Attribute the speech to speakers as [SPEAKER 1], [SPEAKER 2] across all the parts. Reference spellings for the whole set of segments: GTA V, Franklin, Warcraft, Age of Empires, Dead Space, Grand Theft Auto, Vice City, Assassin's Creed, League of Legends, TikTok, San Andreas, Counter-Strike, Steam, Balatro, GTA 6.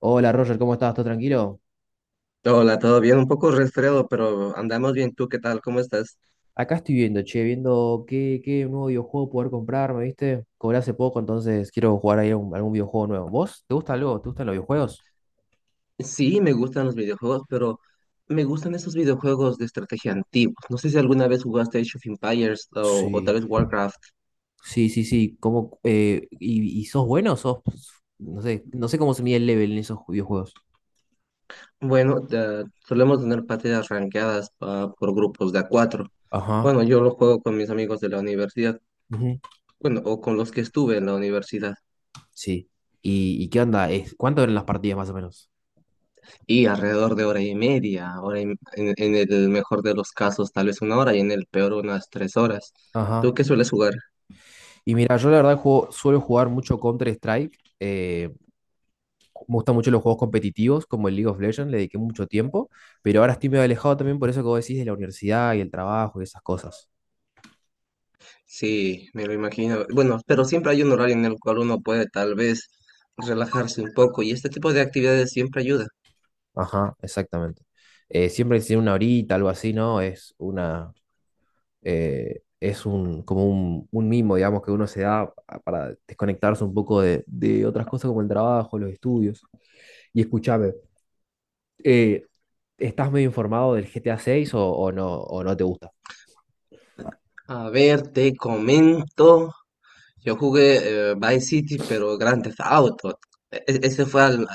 [SPEAKER 1] Hola Roger, ¿cómo estás? ¿Todo tranquilo?
[SPEAKER 2] Hola, todo bien, un poco resfriado, pero andamos bien. ¿Tú qué tal? ¿Cómo estás?
[SPEAKER 1] Acá estoy viendo, che, viendo qué nuevo videojuego poder comprarme, ¿viste? Cobré hace poco, entonces quiero jugar ahí algún videojuego nuevo. ¿Vos? ¿Te gusta algo? ¿Te gustan los videojuegos?
[SPEAKER 2] Sí, me gustan los videojuegos, pero me gustan esos videojuegos de estrategia antiguos. No sé si alguna vez jugaste Age of Empires o tal
[SPEAKER 1] Sí.
[SPEAKER 2] vez Warcraft.
[SPEAKER 1] Sí, sí, sí. ¿Y sos bueno o ¿Sos, no sé, no sé cómo se mide el level en esos videojuegos?
[SPEAKER 2] Bueno, solemos tener partidas rankeadas por grupos de a cuatro.
[SPEAKER 1] Ajá.
[SPEAKER 2] Bueno, yo lo juego con mis amigos de la universidad,
[SPEAKER 1] Ujú.
[SPEAKER 2] bueno, o con los que estuve en la universidad.
[SPEAKER 1] Sí. ¿Y qué onda? ¿Cuánto eran las partidas más o menos?
[SPEAKER 2] Y alrededor de hora y media, en el mejor de los casos, tal vez una hora, y en el peor unas 3 horas. ¿Tú
[SPEAKER 1] Ajá.
[SPEAKER 2] qué sueles jugar?
[SPEAKER 1] Y mira, yo la verdad suelo jugar mucho Counter-Strike. Me gustan mucho los juegos competitivos, como el League of Legends, le dediqué mucho tiempo, pero ahora estoy medio alejado también por eso que vos decís de la universidad y el trabajo y esas cosas.
[SPEAKER 2] Sí, me lo imagino. Bueno, pero siempre hay un horario en el cual uno puede tal vez relajarse un poco y este tipo de actividades siempre ayuda.
[SPEAKER 1] Ajá, exactamente. Siempre que tiene una horita, algo así, ¿no? Es un mimo, digamos, que uno se da para desconectarse un poco de otras cosas como el trabajo, los estudios. Y escúchame, eh, ¿estás medio informado del GTA 6 o no te gusta?
[SPEAKER 2] A ver, te comento. Yo jugué Vice City, pero Grand Theft Auto. E- e- ese fue al-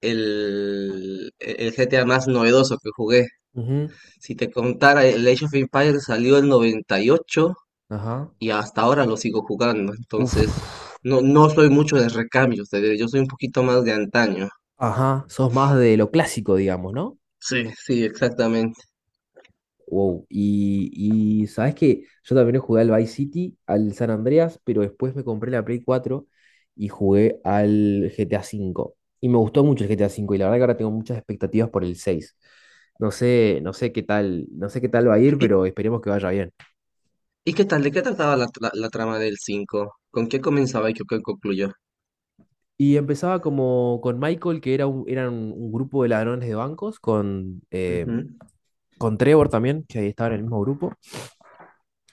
[SPEAKER 2] el GTA más novedoso que jugué.
[SPEAKER 1] Ujú.
[SPEAKER 2] Si te contara, el Age of Empires salió en 98 y ocho
[SPEAKER 1] Ajá.
[SPEAKER 2] y hasta ahora lo sigo jugando.
[SPEAKER 1] Uf.
[SPEAKER 2] Entonces, no, no soy mucho de recambios, te diré, yo soy un poquito más de antaño.
[SPEAKER 1] Ajá, sos más de lo clásico, digamos, ¿no?
[SPEAKER 2] Sí, sí, exactamente.
[SPEAKER 1] Wow. Y sabes que yo también jugué al Vice City, al San Andreas, pero después me compré la Play 4 y jugué al GTA V. Y me gustó mucho el GTA V y la verdad que ahora tengo muchas expectativas por el 6. No sé qué tal, va a ir,
[SPEAKER 2] ¿Y,
[SPEAKER 1] pero esperemos que vaya bien.
[SPEAKER 2] y qué tal? ¿De qué trataba la trama del 5? ¿Con qué comenzaba y qué concluyó?
[SPEAKER 1] Y empezaba como con Michael, que eran un grupo de ladrones de bancos,
[SPEAKER 2] Ujú,
[SPEAKER 1] con Trevor también, que ahí estaba en el mismo grupo.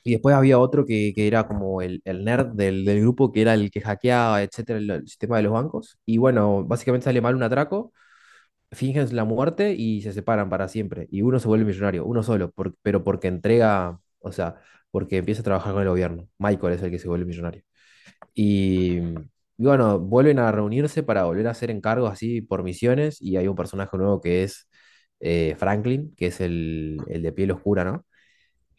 [SPEAKER 1] Y después había otro que era como el nerd del grupo, que era el que hackeaba, etcétera, el sistema de los bancos. Y bueno, básicamente sale mal un atraco, fingen la muerte y se separan para siempre. Y uno se vuelve millonario, uno solo, pero porque entrega, o sea, porque empieza a trabajar con el gobierno. Michael es el que se vuelve millonario. Y bueno, vuelven a reunirse para volver a hacer encargos así por misiones. Y hay un personaje nuevo que es Franklin, que es el de piel oscura, ¿no?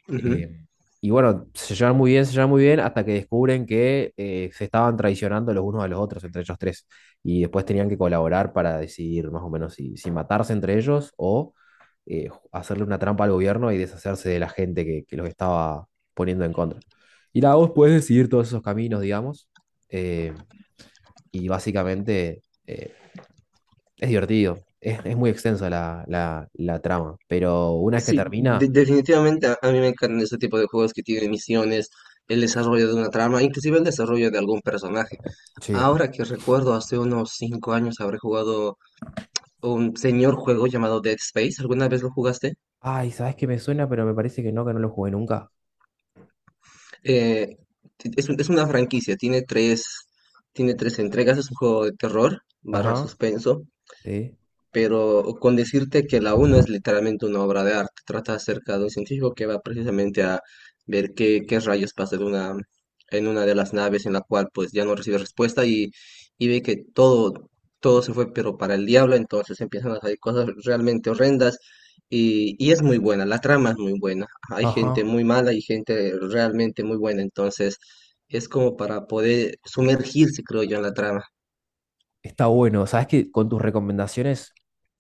[SPEAKER 2] ujú.
[SPEAKER 1] Eh, y bueno, se llevan muy bien, se llevan muy bien, hasta que descubren que se estaban traicionando los unos a los otros, entre ellos tres. Y después tenían que colaborar para decidir más o menos si matarse entre ellos o hacerle una trampa al gobierno y deshacerse de la gente que los estaba poniendo en contra. Y la voz puede decidir todos esos caminos, digamos. eh, y básicamente es divertido. Es muy extensa la trama. Pero una vez que
[SPEAKER 2] Sí,
[SPEAKER 1] termina,
[SPEAKER 2] definitivamente a mí me encantan ese tipo de juegos que tienen misiones, el desarrollo de una trama, inclusive el desarrollo de algún personaje.
[SPEAKER 1] sí.
[SPEAKER 2] Ahora que recuerdo, hace unos 5 años habré jugado un señor juego llamado Dead Space. ¿Alguna vez lo jugaste?
[SPEAKER 1] Ay, ¿sabes qué me suena? Pero me parece que no lo jugué nunca.
[SPEAKER 2] Eh, es una franquicia, tiene tres entregas, es un juego de terror barra
[SPEAKER 1] Ajá,
[SPEAKER 2] suspenso.
[SPEAKER 1] sí,
[SPEAKER 2] Pero con decirte que la uno es literalmente una obra de arte. Trata acerca de un científico que va precisamente a ver qué rayos pasa en una de las naves en la cual pues ya no recibe respuesta y ve que todo se fue pero para el diablo, entonces empiezan a salir cosas realmente horrendas y es muy buena, la trama es muy buena. Hay gente
[SPEAKER 1] ajá.
[SPEAKER 2] muy mala y gente realmente muy buena, entonces es como para poder sumergirse, creo yo, en la trama.
[SPEAKER 1] Está bueno. ¿Sabes qué? Con tus recomendaciones,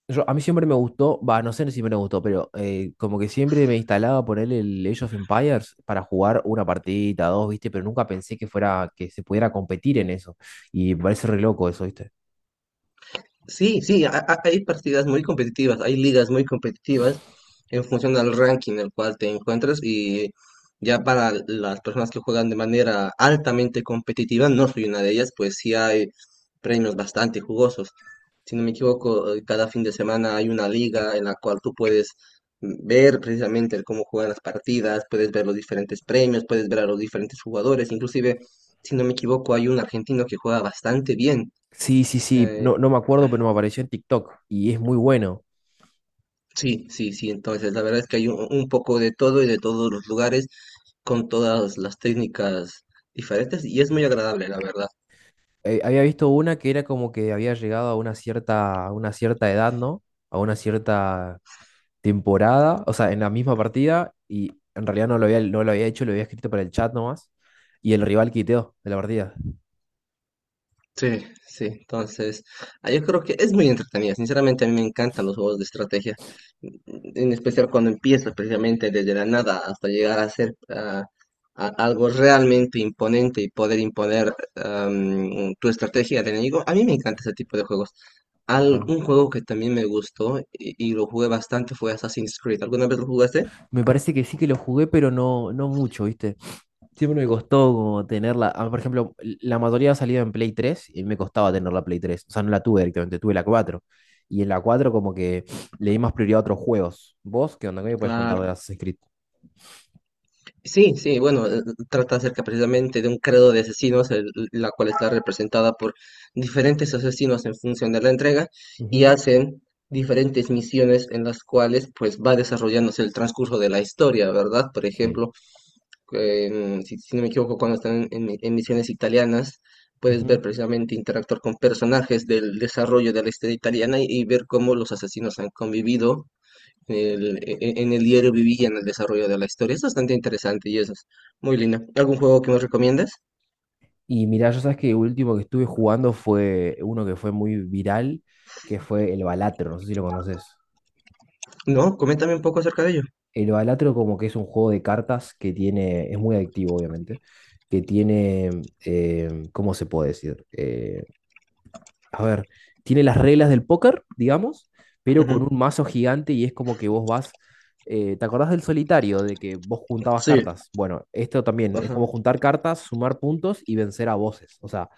[SPEAKER 1] yo, a mí siempre me gustó, va, no sé si me gustó, pero como que siempre me instalaba por él el Age of Empires para jugar una partidita, dos, ¿viste? Pero nunca pensé que fuera, que se pudiera competir en eso. Y me parece re loco eso, ¿viste?
[SPEAKER 2] Sí, sí, hay partidas muy competitivas, hay ligas muy competitivas en función del ranking en el cual te encuentras y ya para las personas que juegan de manera altamente competitiva, no soy una de ellas, pues sí hay premios bastante jugosos. Si no me equivoco, cada fin de semana hay una liga en la cual tú puedes ver precisamente el cómo juegan las partidas, puedes ver los diferentes premios, puedes ver a los diferentes jugadores, inclusive, si no me equivoco, hay un argentino que juega bastante bien
[SPEAKER 1] Sí, sí, sí,
[SPEAKER 2] eh,
[SPEAKER 1] no, no me acuerdo, pero me apareció en TikTok y es muy bueno.
[SPEAKER 2] Sí, sí, sí, entonces la verdad es que hay un poco de todo y de todos los lugares con todas las técnicas diferentes y es muy agradable, la verdad.
[SPEAKER 1] Había visto una que era como que había llegado a una cierta, edad, ¿no? A una cierta temporada, o sea, en la misma partida, y en realidad no lo había hecho, lo había escrito para el chat nomás, y el rival quiteó de la partida.
[SPEAKER 2] Sí, sí, entonces, yo creo que es muy entretenida. Sinceramente, a mí me encantan los juegos de estrategia, mm, en especial cuando empiezas, precisamente desde la nada hasta llegar a ser algo realmente imponente y poder imponer tu estrategia al enemigo. A mí me encanta ese tipo de juegos. Al-
[SPEAKER 1] Ajá.
[SPEAKER 2] un juego que también me gustó y lo jugué bastante fue Assassin's Creed. ¿Alguna vez lo jugaste?
[SPEAKER 1] Me parece que sí que lo jugué, pero no, no mucho, ¿viste? Siempre me costó como tenerla. Por ejemplo, la mayoría ha salido en Play 3 y me costaba tener la Play 3. O sea, no la tuve directamente, tuve la cuatro. Y en la 4 como que le di más prioridad a otros juegos. ¿Vos qué onda? ¿Qué me puedes contar de
[SPEAKER 2] Claro.
[SPEAKER 1] Assassin's Creed?
[SPEAKER 2] Sí, sí, bueno, trata acerca precisamente de un credo de asesinos, la cual está representada por diferentes asesinos en función de la entrega y
[SPEAKER 1] Ujú.
[SPEAKER 2] hacen diferentes misiones en las cuales pues va desarrollándose el transcurso de la historia, ¿verdad? Por
[SPEAKER 1] Sí.
[SPEAKER 2] ejemplo, si no me equivoco, cuando están en misiones italianas, puedes ver
[SPEAKER 1] Ujú.
[SPEAKER 2] precisamente interactuar con personajes del desarrollo de la historia italiana y ver cómo los asesinos han convivido en el diario viví y en el desarrollo de la historia. Es bastante interesante y eso es muy linda. ¿Algún juego que me recomiendas?
[SPEAKER 1] Y mirá, yo sabes que último que estuve jugando fue uno que fue muy viral, que fue el Balatro, no sé si lo conoces.
[SPEAKER 2] No, coméntame un poco acerca de ello.
[SPEAKER 1] El Balatro como que es un juego de cartas es muy adictivo obviamente, ¿cómo se puede decir? A ver, tiene las reglas del póker, digamos, pero con
[SPEAKER 2] Ujú.
[SPEAKER 1] un mazo gigante y es como que vos vas, ¿te acordás del solitario, de que vos juntabas
[SPEAKER 2] Sí,
[SPEAKER 1] cartas? Bueno, esto también es como
[SPEAKER 2] ajá.
[SPEAKER 1] juntar cartas, sumar puntos y vencer a voces. O sea,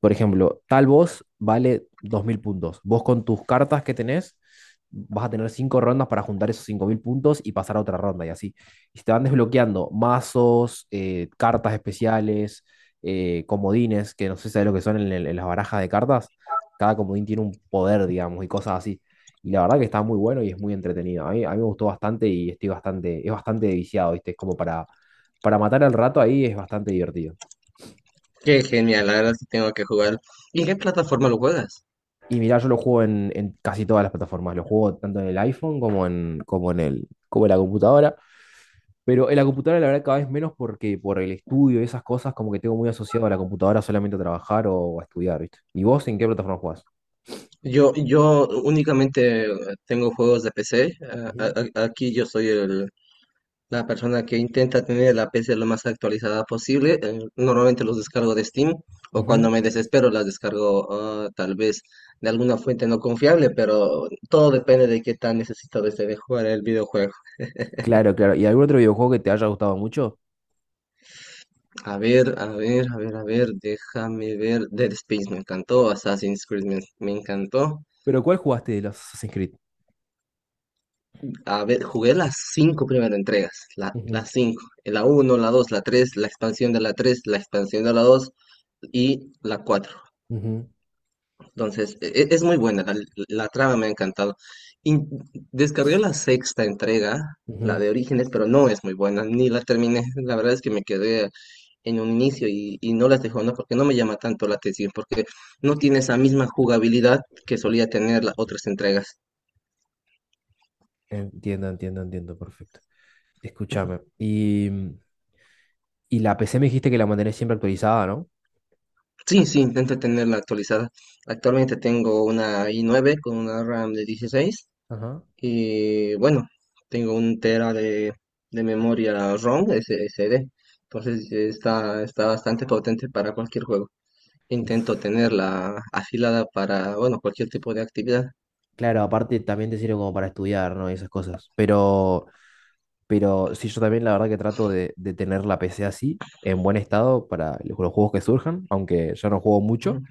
[SPEAKER 1] por ejemplo, tal voz vale 2000 puntos. Vos con tus cartas que tenés vas a tener cinco rondas para juntar esos 5000 puntos y pasar a otra ronda y así. Y se te van desbloqueando mazos, cartas especiales, comodines, que no sé si sabes lo que son en, en las barajas de cartas cada comodín tiene un poder, digamos, y cosas así. Y la verdad que está muy bueno y es muy entretenido. A mí me gustó bastante y estoy bastante, es bastante viciado, ¿viste? Es como para matar el rato ahí, es bastante divertido.
[SPEAKER 2] Qué genial, la verdad sí tengo que jugar. ¿Y en qué plataforma lo juegas?
[SPEAKER 1] Y mirá, yo lo juego en casi todas las plataformas. Lo juego tanto en el iPhone como como en la computadora. Pero en la computadora la verdad cada vez menos porque por el estudio y esas cosas como que tengo muy asociado a la computadora solamente a trabajar o a estudiar, ¿viste? ¿Y vos en qué plataforma jugás?
[SPEAKER 2] Yo únicamente tengo juegos de PC.
[SPEAKER 1] Ujú,
[SPEAKER 2] Aquí yo soy La persona que intenta tener la PC lo más actualizada posible, normalmente los descargo de Steam o
[SPEAKER 1] ujú.
[SPEAKER 2] cuando me desespero las descargo tal vez de alguna fuente no confiable, pero todo depende de qué tan necesitado esté de jugar el videojuego.
[SPEAKER 1] Claro, claro. ¿Y algún otro videojuego que te haya gustado mucho?
[SPEAKER 2] A ver, a ver, a ver, a ver, déjame ver. Dead Space me encantó, Assassin's Creed me encantó.
[SPEAKER 1] Pero ¿cuál jugaste de los Assassin's Creed?
[SPEAKER 2] A ver, jugué las cinco primeras entregas,
[SPEAKER 1] Ujú,
[SPEAKER 2] las cinco, la uno, la 2, la 3, la expansión de la 3, la expansión de la 2 y la 4.
[SPEAKER 1] ujú,
[SPEAKER 2] Entonces, es muy buena, la trama me ha encantado. Y descargué la sexta entrega, la
[SPEAKER 1] ujú.
[SPEAKER 2] de Orígenes, pero no es muy buena, ni la terminé. La verdad es que me quedé en un inicio y no las dejo, ¿no? Porque no me llama tanto la atención, porque no tiene esa misma jugabilidad que solía tener las otras entregas.
[SPEAKER 1] Entiendo, entiendo, entiendo, perfecto. Escúchame. Y la PC me dijiste que la mantenés siempre actualizada, ¿no?
[SPEAKER 2] Sí, sí, intento tenerla actualizada. Actualmente tengo una i9 con una RAM de 16.
[SPEAKER 1] Ajá.
[SPEAKER 2] Y bueno, tengo un tera de memoria ROM, SD. Entonces está bastante potente para cualquier juego. Intento
[SPEAKER 1] Uf,
[SPEAKER 2] tenerla afilada para, bueno, cualquier tipo de actividad.
[SPEAKER 1] claro, aparte también te sirve como para estudiar, ¿no? Y esas cosas. Pero sí, yo también la verdad que trato de tener la PC así, en buen estado, para los juegos que surjan, aunque yo no juego mucho.
[SPEAKER 2] Ujú.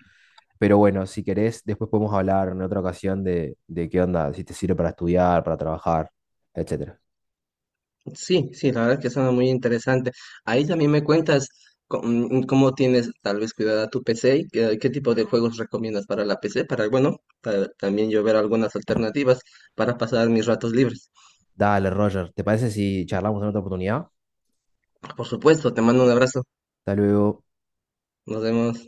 [SPEAKER 1] Pero bueno, si querés, después podemos hablar en otra ocasión de qué onda, si te sirve para estudiar, para trabajar, etcétera.
[SPEAKER 2] Sí, sí, la verdad es que suena muy interesante. Ahí también me cuentas cómo, tienes tal vez cuidada tu PC y qué tipo de juegos recomiendas para la PC, para, bueno, para también yo ver algunas alternativas para pasar mis ratos libres.
[SPEAKER 1] Dale, Roger, ¿te parece si charlamos en otra oportunidad?
[SPEAKER 2] Por supuesto, te mando un abrazo.
[SPEAKER 1] Hasta luego.
[SPEAKER 2] Nos vemos.